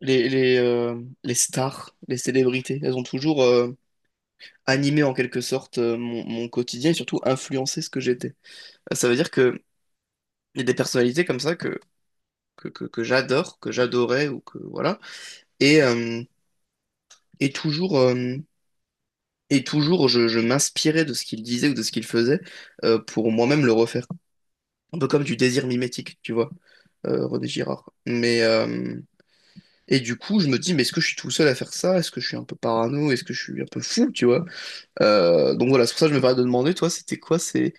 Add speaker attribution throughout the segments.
Speaker 1: Les stars, les célébrités, elles ont toujours animé en quelque sorte mon quotidien et surtout influencé ce que j'étais. Ça veut dire que il y a des personnalités comme ça que j'adore, que j'adorais ou que voilà. Et, euh, et toujours, euh, et toujours je m'inspirais de ce qu'ils disaient ou de ce qu'ils faisaient pour moi-même le refaire. Un peu comme du désir mimétique, tu vois, René Girard. Et du coup, je me dis, mais est-ce que je suis tout seul à faire ça? Est-ce que je suis un peu parano? Est-ce que je suis un peu fou, tu vois? Donc voilà, c'est pour ça que je me permets de demander, toi, c'était quoi, c'est,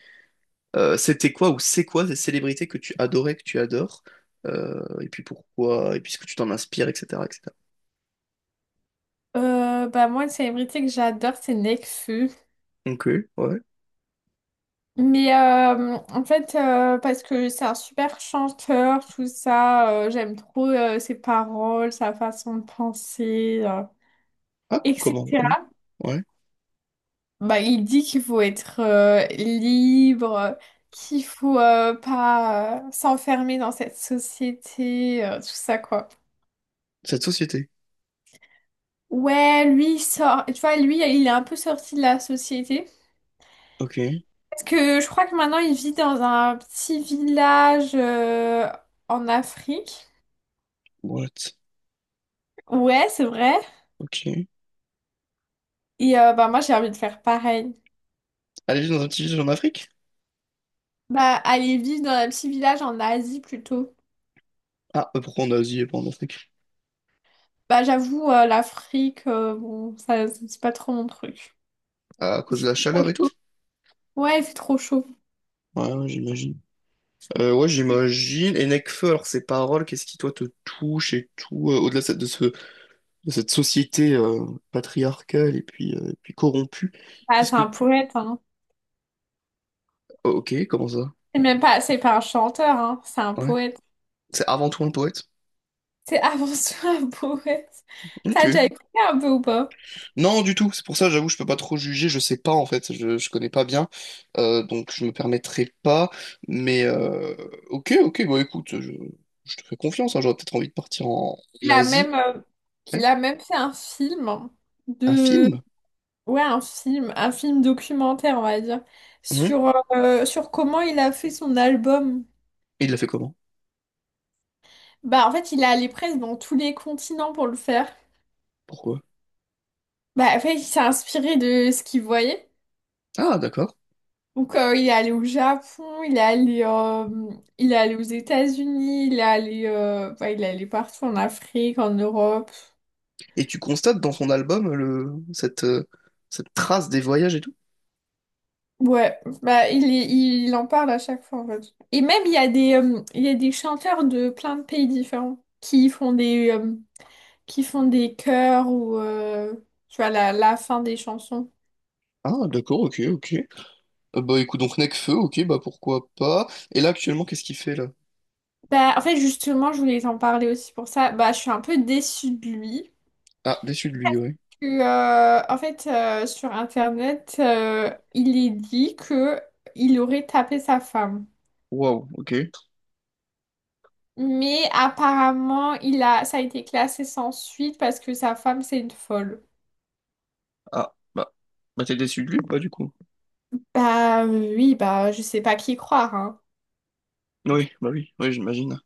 Speaker 1: euh, c'était quoi ou c'est quoi ces célébrités que tu adorais, que tu adores, et puis pourquoi, et puis ce que tu t'en inspires, etc., etc.
Speaker 2: Bah moi, une célébrité que j'adore, c'est Nekfeu.
Speaker 1: Ok, ouais.
Speaker 2: Mais en fait, parce que c'est un super chanteur, tout ça, j'aime trop ses paroles, sa façon de penser,
Speaker 1: Ah, comment?
Speaker 2: etc.
Speaker 1: Ouais. Ouais.
Speaker 2: Bah, il dit qu'il faut être libre, qu'il faut pas s'enfermer dans cette société, tout ça, quoi.
Speaker 1: Cette société.
Speaker 2: Ouais, lui, il sort, tu vois, lui, il est un peu sorti de la société.
Speaker 1: Ok.
Speaker 2: Parce que je crois que maintenant il vit dans un petit village en Afrique.
Speaker 1: What?
Speaker 2: Ouais, c'est vrai.
Speaker 1: Ok. Elle
Speaker 2: Bah moi j'ai envie de faire pareil.
Speaker 1: est juste dans un petit village en Afrique?
Speaker 2: Bah aller vivre dans un petit village en Asie plutôt.
Speaker 1: Ah, pourquoi en Asie et pas en Afrique?
Speaker 2: Bah j'avoue l'Afrique, bon ça c'est pas trop mon truc.
Speaker 1: À cause de la
Speaker 2: Il fait trop
Speaker 1: chaleur et tout?
Speaker 2: chaud. Ouais, il fait trop chaud.
Speaker 1: Ouais, ouais, j'imagine. Ouais, j'imagine. Et Nekfeu, alors ses paroles, qu'est-ce qui toi te touche et tout, au-delà de cette société patriarcale et puis corrompue.
Speaker 2: Bah
Speaker 1: Qu'est-ce
Speaker 2: c'est
Speaker 1: que
Speaker 2: un
Speaker 1: tu...
Speaker 2: poète hein.
Speaker 1: Oh, ok, comment ça?
Speaker 2: C'est pas un chanteur hein, c'est un
Speaker 1: Ouais.
Speaker 2: poète.
Speaker 1: C'est avant tout un poète?
Speaker 2: C'est avant tout un poète. T'as
Speaker 1: Ok.
Speaker 2: déjà écouté un peu ou pas?
Speaker 1: Non, du tout. C'est pour ça, j'avoue, je peux pas trop juger. Je sais pas, en fait. Je connais pas bien. Donc, je me permettrai pas. Mais, euh, ok, ok. Bon, écoute, je te fais confiance. Hein. J'aurais peut-être envie de partir en
Speaker 2: Il a
Speaker 1: Asie.
Speaker 2: même,
Speaker 1: Ouais.
Speaker 2: fait un film
Speaker 1: Un
Speaker 2: de,
Speaker 1: film?
Speaker 2: ouais, un film documentaire, on va dire,
Speaker 1: Mhm.
Speaker 2: sur, sur comment il a fait son album.
Speaker 1: Et il l'a fait comment?
Speaker 2: Bah, en fait, il est allé presque dans tous les continents pour le faire.
Speaker 1: Pourquoi?
Speaker 2: Bah, en fait, il s'est inspiré de ce qu'il voyait.
Speaker 1: Ah, d'accord.
Speaker 2: Donc il est allé au Japon, il est allé aux États-Unis, il est allé, bah, il est allé partout en Afrique, en Europe.
Speaker 1: Et tu constates dans son album cette, cette trace des voyages et tout?
Speaker 2: Ouais, bah il en parle à chaque fois en fait. Et même il y a des chanteurs de plein de pays différents qui font des chœurs ou tu vois la fin des chansons.
Speaker 1: Ah, d'accord, ok, ok. Bah écoute, donc Nekfeu, ok, bah pourquoi pas. Et là actuellement, qu'est-ce qu'il fait là?
Speaker 2: Bah en fait justement je voulais t'en parler aussi pour ça. Bah je suis un peu déçue de lui.
Speaker 1: Ah, déçu de lui, ouais.
Speaker 2: Que, en fait Sur internet il est dit que il aurait tapé sa femme.
Speaker 1: Waouh, ok.
Speaker 2: Mais apparemment il a ça a été classé sans suite parce que sa femme c'est une folle.
Speaker 1: Ah, bah, bah t'es déçu de lui ou pas du coup?
Speaker 2: Bah oui, bah je sais pas qui croire, hein.
Speaker 1: Oui, bah oui, oui, j'imagine.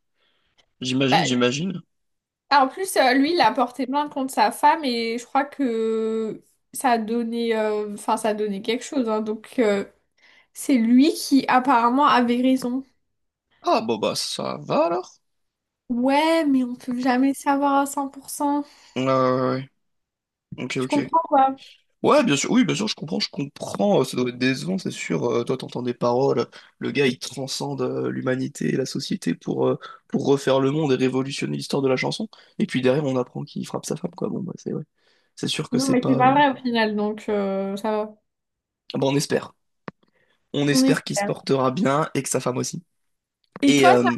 Speaker 2: Bah,
Speaker 1: J'imagine, j'imagine.
Speaker 2: ah, en plus, lui, il a porté plainte contre sa femme et je crois que ça a donné, enfin, ça a donné quelque chose, hein. Donc c'est lui qui apparemment avait raison.
Speaker 1: Ah, bah bah ça va alors?
Speaker 2: Ouais, mais on peut jamais savoir à 100%.
Speaker 1: Ouais, ouais, ouais. Ok,
Speaker 2: Tu
Speaker 1: ok.
Speaker 2: comprends quoi?
Speaker 1: Ouais, bien sûr, oui, bien sûr, je comprends, je comprends. Ça doit être décevant, c'est sûr. Toi, t'entends des paroles. Le gars, il transcende l'humanité et la société pour refaire le monde et révolutionner l'histoire de la chanson. Et puis derrière, on apprend qu'il frappe sa femme, quoi. Bon, bah c'est ouais. C'est sûr que
Speaker 2: Non,
Speaker 1: c'est
Speaker 2: mais c'est
Speaker 1: pas.
Speaker 2: pas vrai au final, donc ça va.
Speaker 1: Bon, on espère. On
Speaker 2: On
Speaker 1: espère qu'il se
Speaker 2: espère.
Speaker 1: portera bien et que sa femme aussi.
Speaker 2: Et
Speaker 1: Et
Speaker 2: toi,
Speaker 1: euh,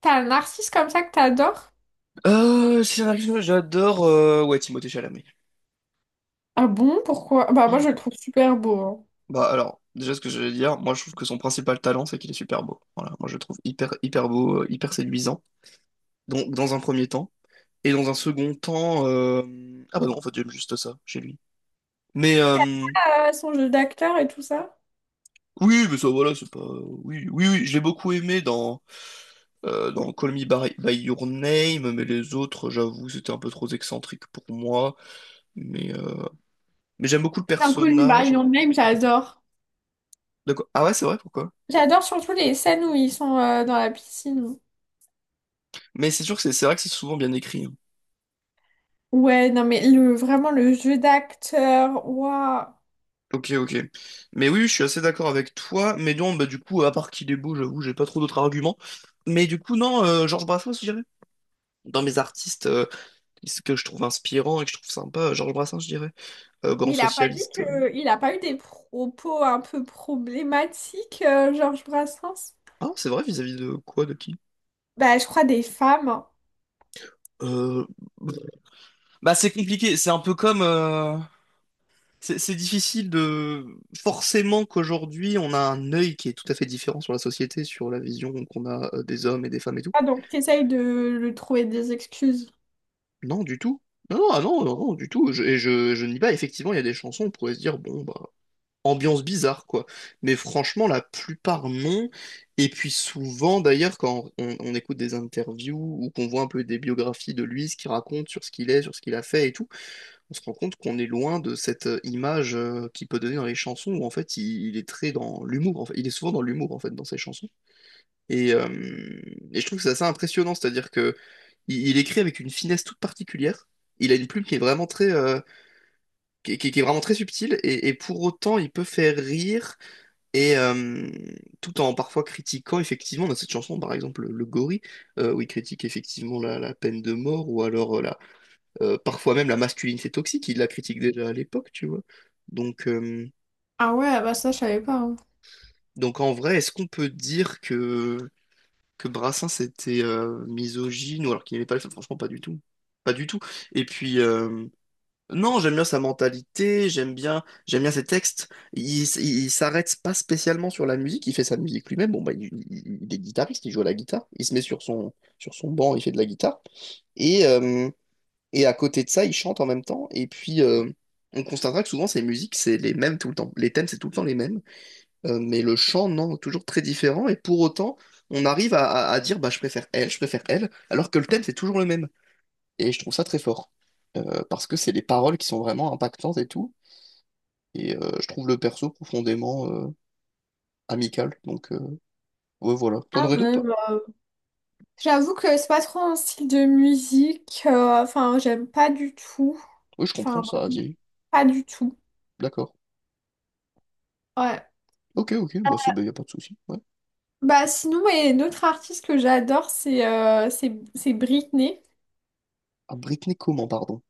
Speaker 2: t'as un narcisse comme ça que t'adores?
Speaker 1: Si j'en ai une, j'adore ouais, Timothée Chalamet.
Speaker 2: Ah bon, pourquoi? Bah moi, je le trouve super beau,
Speaker 1: Bah alors, déjà ce que je vais dire, moi je trouve que son principal talent c'est qu'il est super beau. Voilà, moi je le trouve hyper hyper beau, hyper séduisant. Donc dans un premier temps et dans un second temps, ah bah non en fait j'aime juste ça chez lui. Mais euh,
Speaker 2: hein. Son jeu d'acteur et tout ça.
Speaker 1: oui, mais ça voilà, c'est pas oui oui oui, je l'ai beaucoup aimé dans dans By Your Name, mais les autres, j'avoue, c'était un peu trop excentrique pour moi. Mais, euh, mais j'aime beaucoup le
Speaker 2: Call Me By
Speaker 1: personnage.
Speaker 2: Your Name, j'adore.
Speaker 1: D'accord. Ah ouais, c'est vrai, pourquoi?
Speaker 2: J'adore surtout les scènes où ils sont dans la piscine.
Speaker 1: Mais c'est sûr que c'est vrai que c'est souvent bien écrit. Hein.
Speaker 2: Ouais, non mais le vraiment le jeu d'acteur, waouh.
Speaker 1: Ok, ok. Mais oui, oui, je suis assez d'accord avec toi. Mais non, bah du coup, à part qu'il est beau, j'avoue, j'ai pas trop d'autres arguments. Mais du coup, non, Georges Brassens, je dirais. Dans mes artistes ce que je trouve inspirant et que je trouve sympa, Georges Brassens, je dirais. Grand
Speaker 2: Il a pas dit
Speaker 1: socialiste.
Speaker 2: que il a pas eu des propos un peu problématiques, Georges Brassens?
Speaker 1: Ah, c'est vrai, vis-à-vis de quoi, de qui?
Speaker 2: Bah je crois des femmes.
Speaker 1: Euh, Bah c'est compliqué, c'est un peu comme... c'est difficile de... Forcément qu'aujourd'hui, on a un œil qui est tout à fait différent sur la société, sur la vision qu'on a des hommes et des femmes et tout.
Speaker 2: Ah donc t'essayes de le trouver des excuses.
Speaker 1: Non, du tout. Non, non, ah non, non, non, du tout. Je nie pas, effectivement, il y a des chansons, on pourrait se dire, bon, bah, ambiance bizarre, quoi. Mais franchement, la plupart, non. Et puis souvent, d'ailleurs, quand on écoute des interviews ou qu'on voit un peu des biographies de lui, ce qu'il raconte sur ce qu'il est, sur ce qu'il a fait et tout, on se rend compte qu'on est loin de cette image qu'il peut donner dans les chansons où en fait il est très dans l'humour. En fait. Il est souvent dans l'humour en fait dans ses chansons. Et, euh, et je trouve que c'est assez impressionnant, c'est-à-dire que il écrit avec une finesse toute particulière. Il a une plume qui est vraiment très, qui est vraiment très subtile et pour autant il peut faire rire et tout en parfois critiquant effectivement dans cette chanson par exemple le gorille où il critique effectivement la peine de mort ou alors la parfois même la masculinité toxique, il la critique déjà à l'époque, tu vois. Donc, euh,
Speaker 2: Ah ouais, bah ça je savais pas, hein.
Speaker 1: donc en vrai, est-ce qu'on peut dire que Brassens était misogyne ou alors qu'il n'aimait pas les femmes? Franchement, pas du tout. Pas du tout. Et puis, euh, non, j'aime bien sa mentalité, j'aime bien ses textes. Il s'arrête pas spécialement sur la musique, il fait sa musique lui-même. Bon, bah, il est guitariste, il joue à la guitare, il se met sur son banc, il fait de la guitare. Et, euh, Et à côté de ça, ils chantent en même temps. On constatera que souvent, ces musiques, c'est les mêmes tout le temps. Les thèmes, c'est tout le temps les mêmes. Mais le chant, non, toujours très différent. Et pour autant, on arrive à dire, bah, je préfère elle, alors que le thème, c'est toujours le même. Et je trouve ça très fort. Parce que c'est les paroles qui sont vraiment impactantes et tout. Et je trouve le perso profondément amical. Ouais, voilà. T'en
Speaker 2: Ah
Speaker 1: aurais
Speaker 2: ouais,
Speaker 1: d'autres, toi?
Speaker 2: bah, j'avoue que c'est pas trop un style de musique, enfin j'aime pas du tout.
Speaker 1: Oui, je comprends,
Speaker 2: Enfin
Speaker 1: ça a vieilli.
Speaker 2: pas du tout.
Speaker 1: D'accord.
Speaker 2: Ouais.
Speaker 1: Ok, ok, bah, c'est, bah, y a pas de souci. Ouais.
Speaker 2: Bah sinon, et une autre artiste que j'adore, c'est Britney.
Speaker 1: Ah, Britney comment, pardon?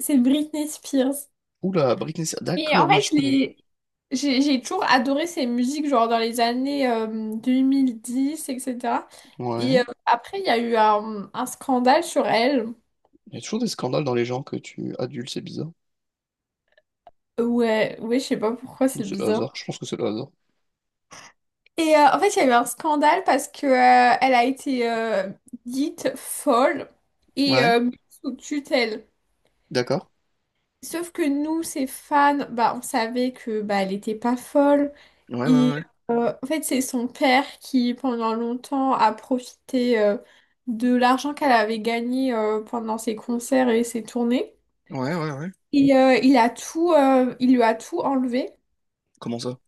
Speaker 2: C'est Britney Spears.
Speaker 1: Oula, Britney,
Speaker 2: Et
Speaker 1: d'accord,
Speaker 2: en
Speaker 1: oui,
Speaker 2: fait,
Speaker 1: je
Speaker 2: je
Speaker 1: connais.
Speaker 2: l'ai- j'ai toujours adoré ses musiques, genre dans les années 2010, etc. Et cetera. Et
Speaker 1: Ouais.
Speaker 2: après, il y a eu un scandale sur elle.
Speaker 1: Il y a toujours des scandales dans les gens que tu adules, c'est bizarre.
Speaker 2: Ouais, ouais, je sais pas pourquoi,
Speaker 1: Ou
Speaker 2: c'est
Speaker 1: c'est le hasard.
Speaker 2: bizarre.
Speaker 1: Je pense que c'est le hasard.
Speaker 2: Et en fait, il y a eu un scandale parce que elle a été dite folle et
Speaker 1: Ouais,
Speaker 2: mise sous tutelle.
Speaker 1: d'accord.
Speaker 2: Sauf que nous, ses fans, bah, on savait que bah, elle était pas folle.
Speaker 1: Ouais, ouais,
Speaker 2: Et
Speaker 1: ouais.
Speaker 2: En fait, c'est son père qui, pendant longtemps, a profité de l'argent qu'elle avait gagné pendant ses concerts et ses tournées.
Speaker 1: Ouais, ouais, ouais.
Speaker 2: Et il lui a tout enlevé.
Speaker 1: Comment ça?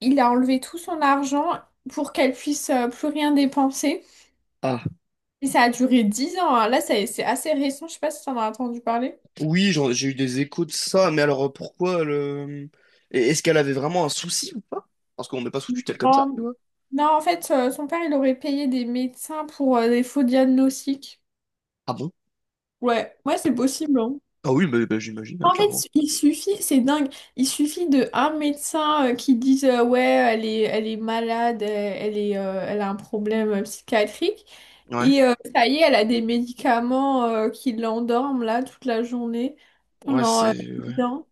Speaker 2: Il a enlevé tout son argent pour qu'elle puisse plus rien dépenser.
Speaker 1: Ah,
Speaker 2: Et ça a duré 10 ans, hein. Là, c'est assez récent. Je sais pas si t'en as entendu parler.
Speaker 1: oui, j'ai eu des échos de ça, mais alors pourquoi le... Et est-ce qu'elle avait vraiment un souci ou pas? Parce qu'on met pas sous tutelle comme ça, tu
Speaker 2: Non,
Speaker 1: vois.
Speaker 2: non, en fait, son père, il aurait payé des médecins pour des faux diagnostics.
Speaker 1: Ah bon?
Speaker 2: Ouais, ouais, c'est possible, hein.
Speaker 1: Ah oui, mais bah, j'imagine
Speaker 2: En
Speaker 1: avec
Speaker 2: fait,
Speaker 1: l'argent.
Speaker 2: il suffit, c'est dingue, il suffit de un médecin qui dise ouais, elle est malade, elle a un problème psychiatrique,
Speaker 1: Ouais,
Speaker 2: et ça y est, elle a des médicaments qui l'endorment là toute la journée
Speaker 1: ouais,
Speaker 2: pendant
Speaker 1: c'est... ouais.
Speaker 2: dix ans.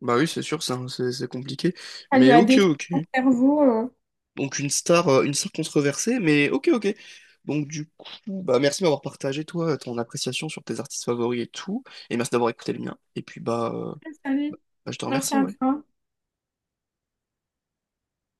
Speaker 1: Bah oui, c'est sûr, c'est compliqué.
Speaker 2: Ça
Speaker 1: Mais
Speaker 2: lui a
Speaker 1: ok,
Speaker 2: détruit
Speaker 1: ok.
Speaker 2: son cerveau, euh.
Speaker 1: Donc une star controversée, mais ok, ok. Donc du coup, bah merci de m'avoir partagé toi ton appréciation sur tes artistes favoris et tout, et merci d'avoir écouté le mien. Et puis bah,
Speaker 2: Salut,
Speaker 1: bah, je te
Speaker 2: merci
Speaker 1: remercie,
Speaker 2: à
Speaker 1: ouais.
Speaker 2: toi.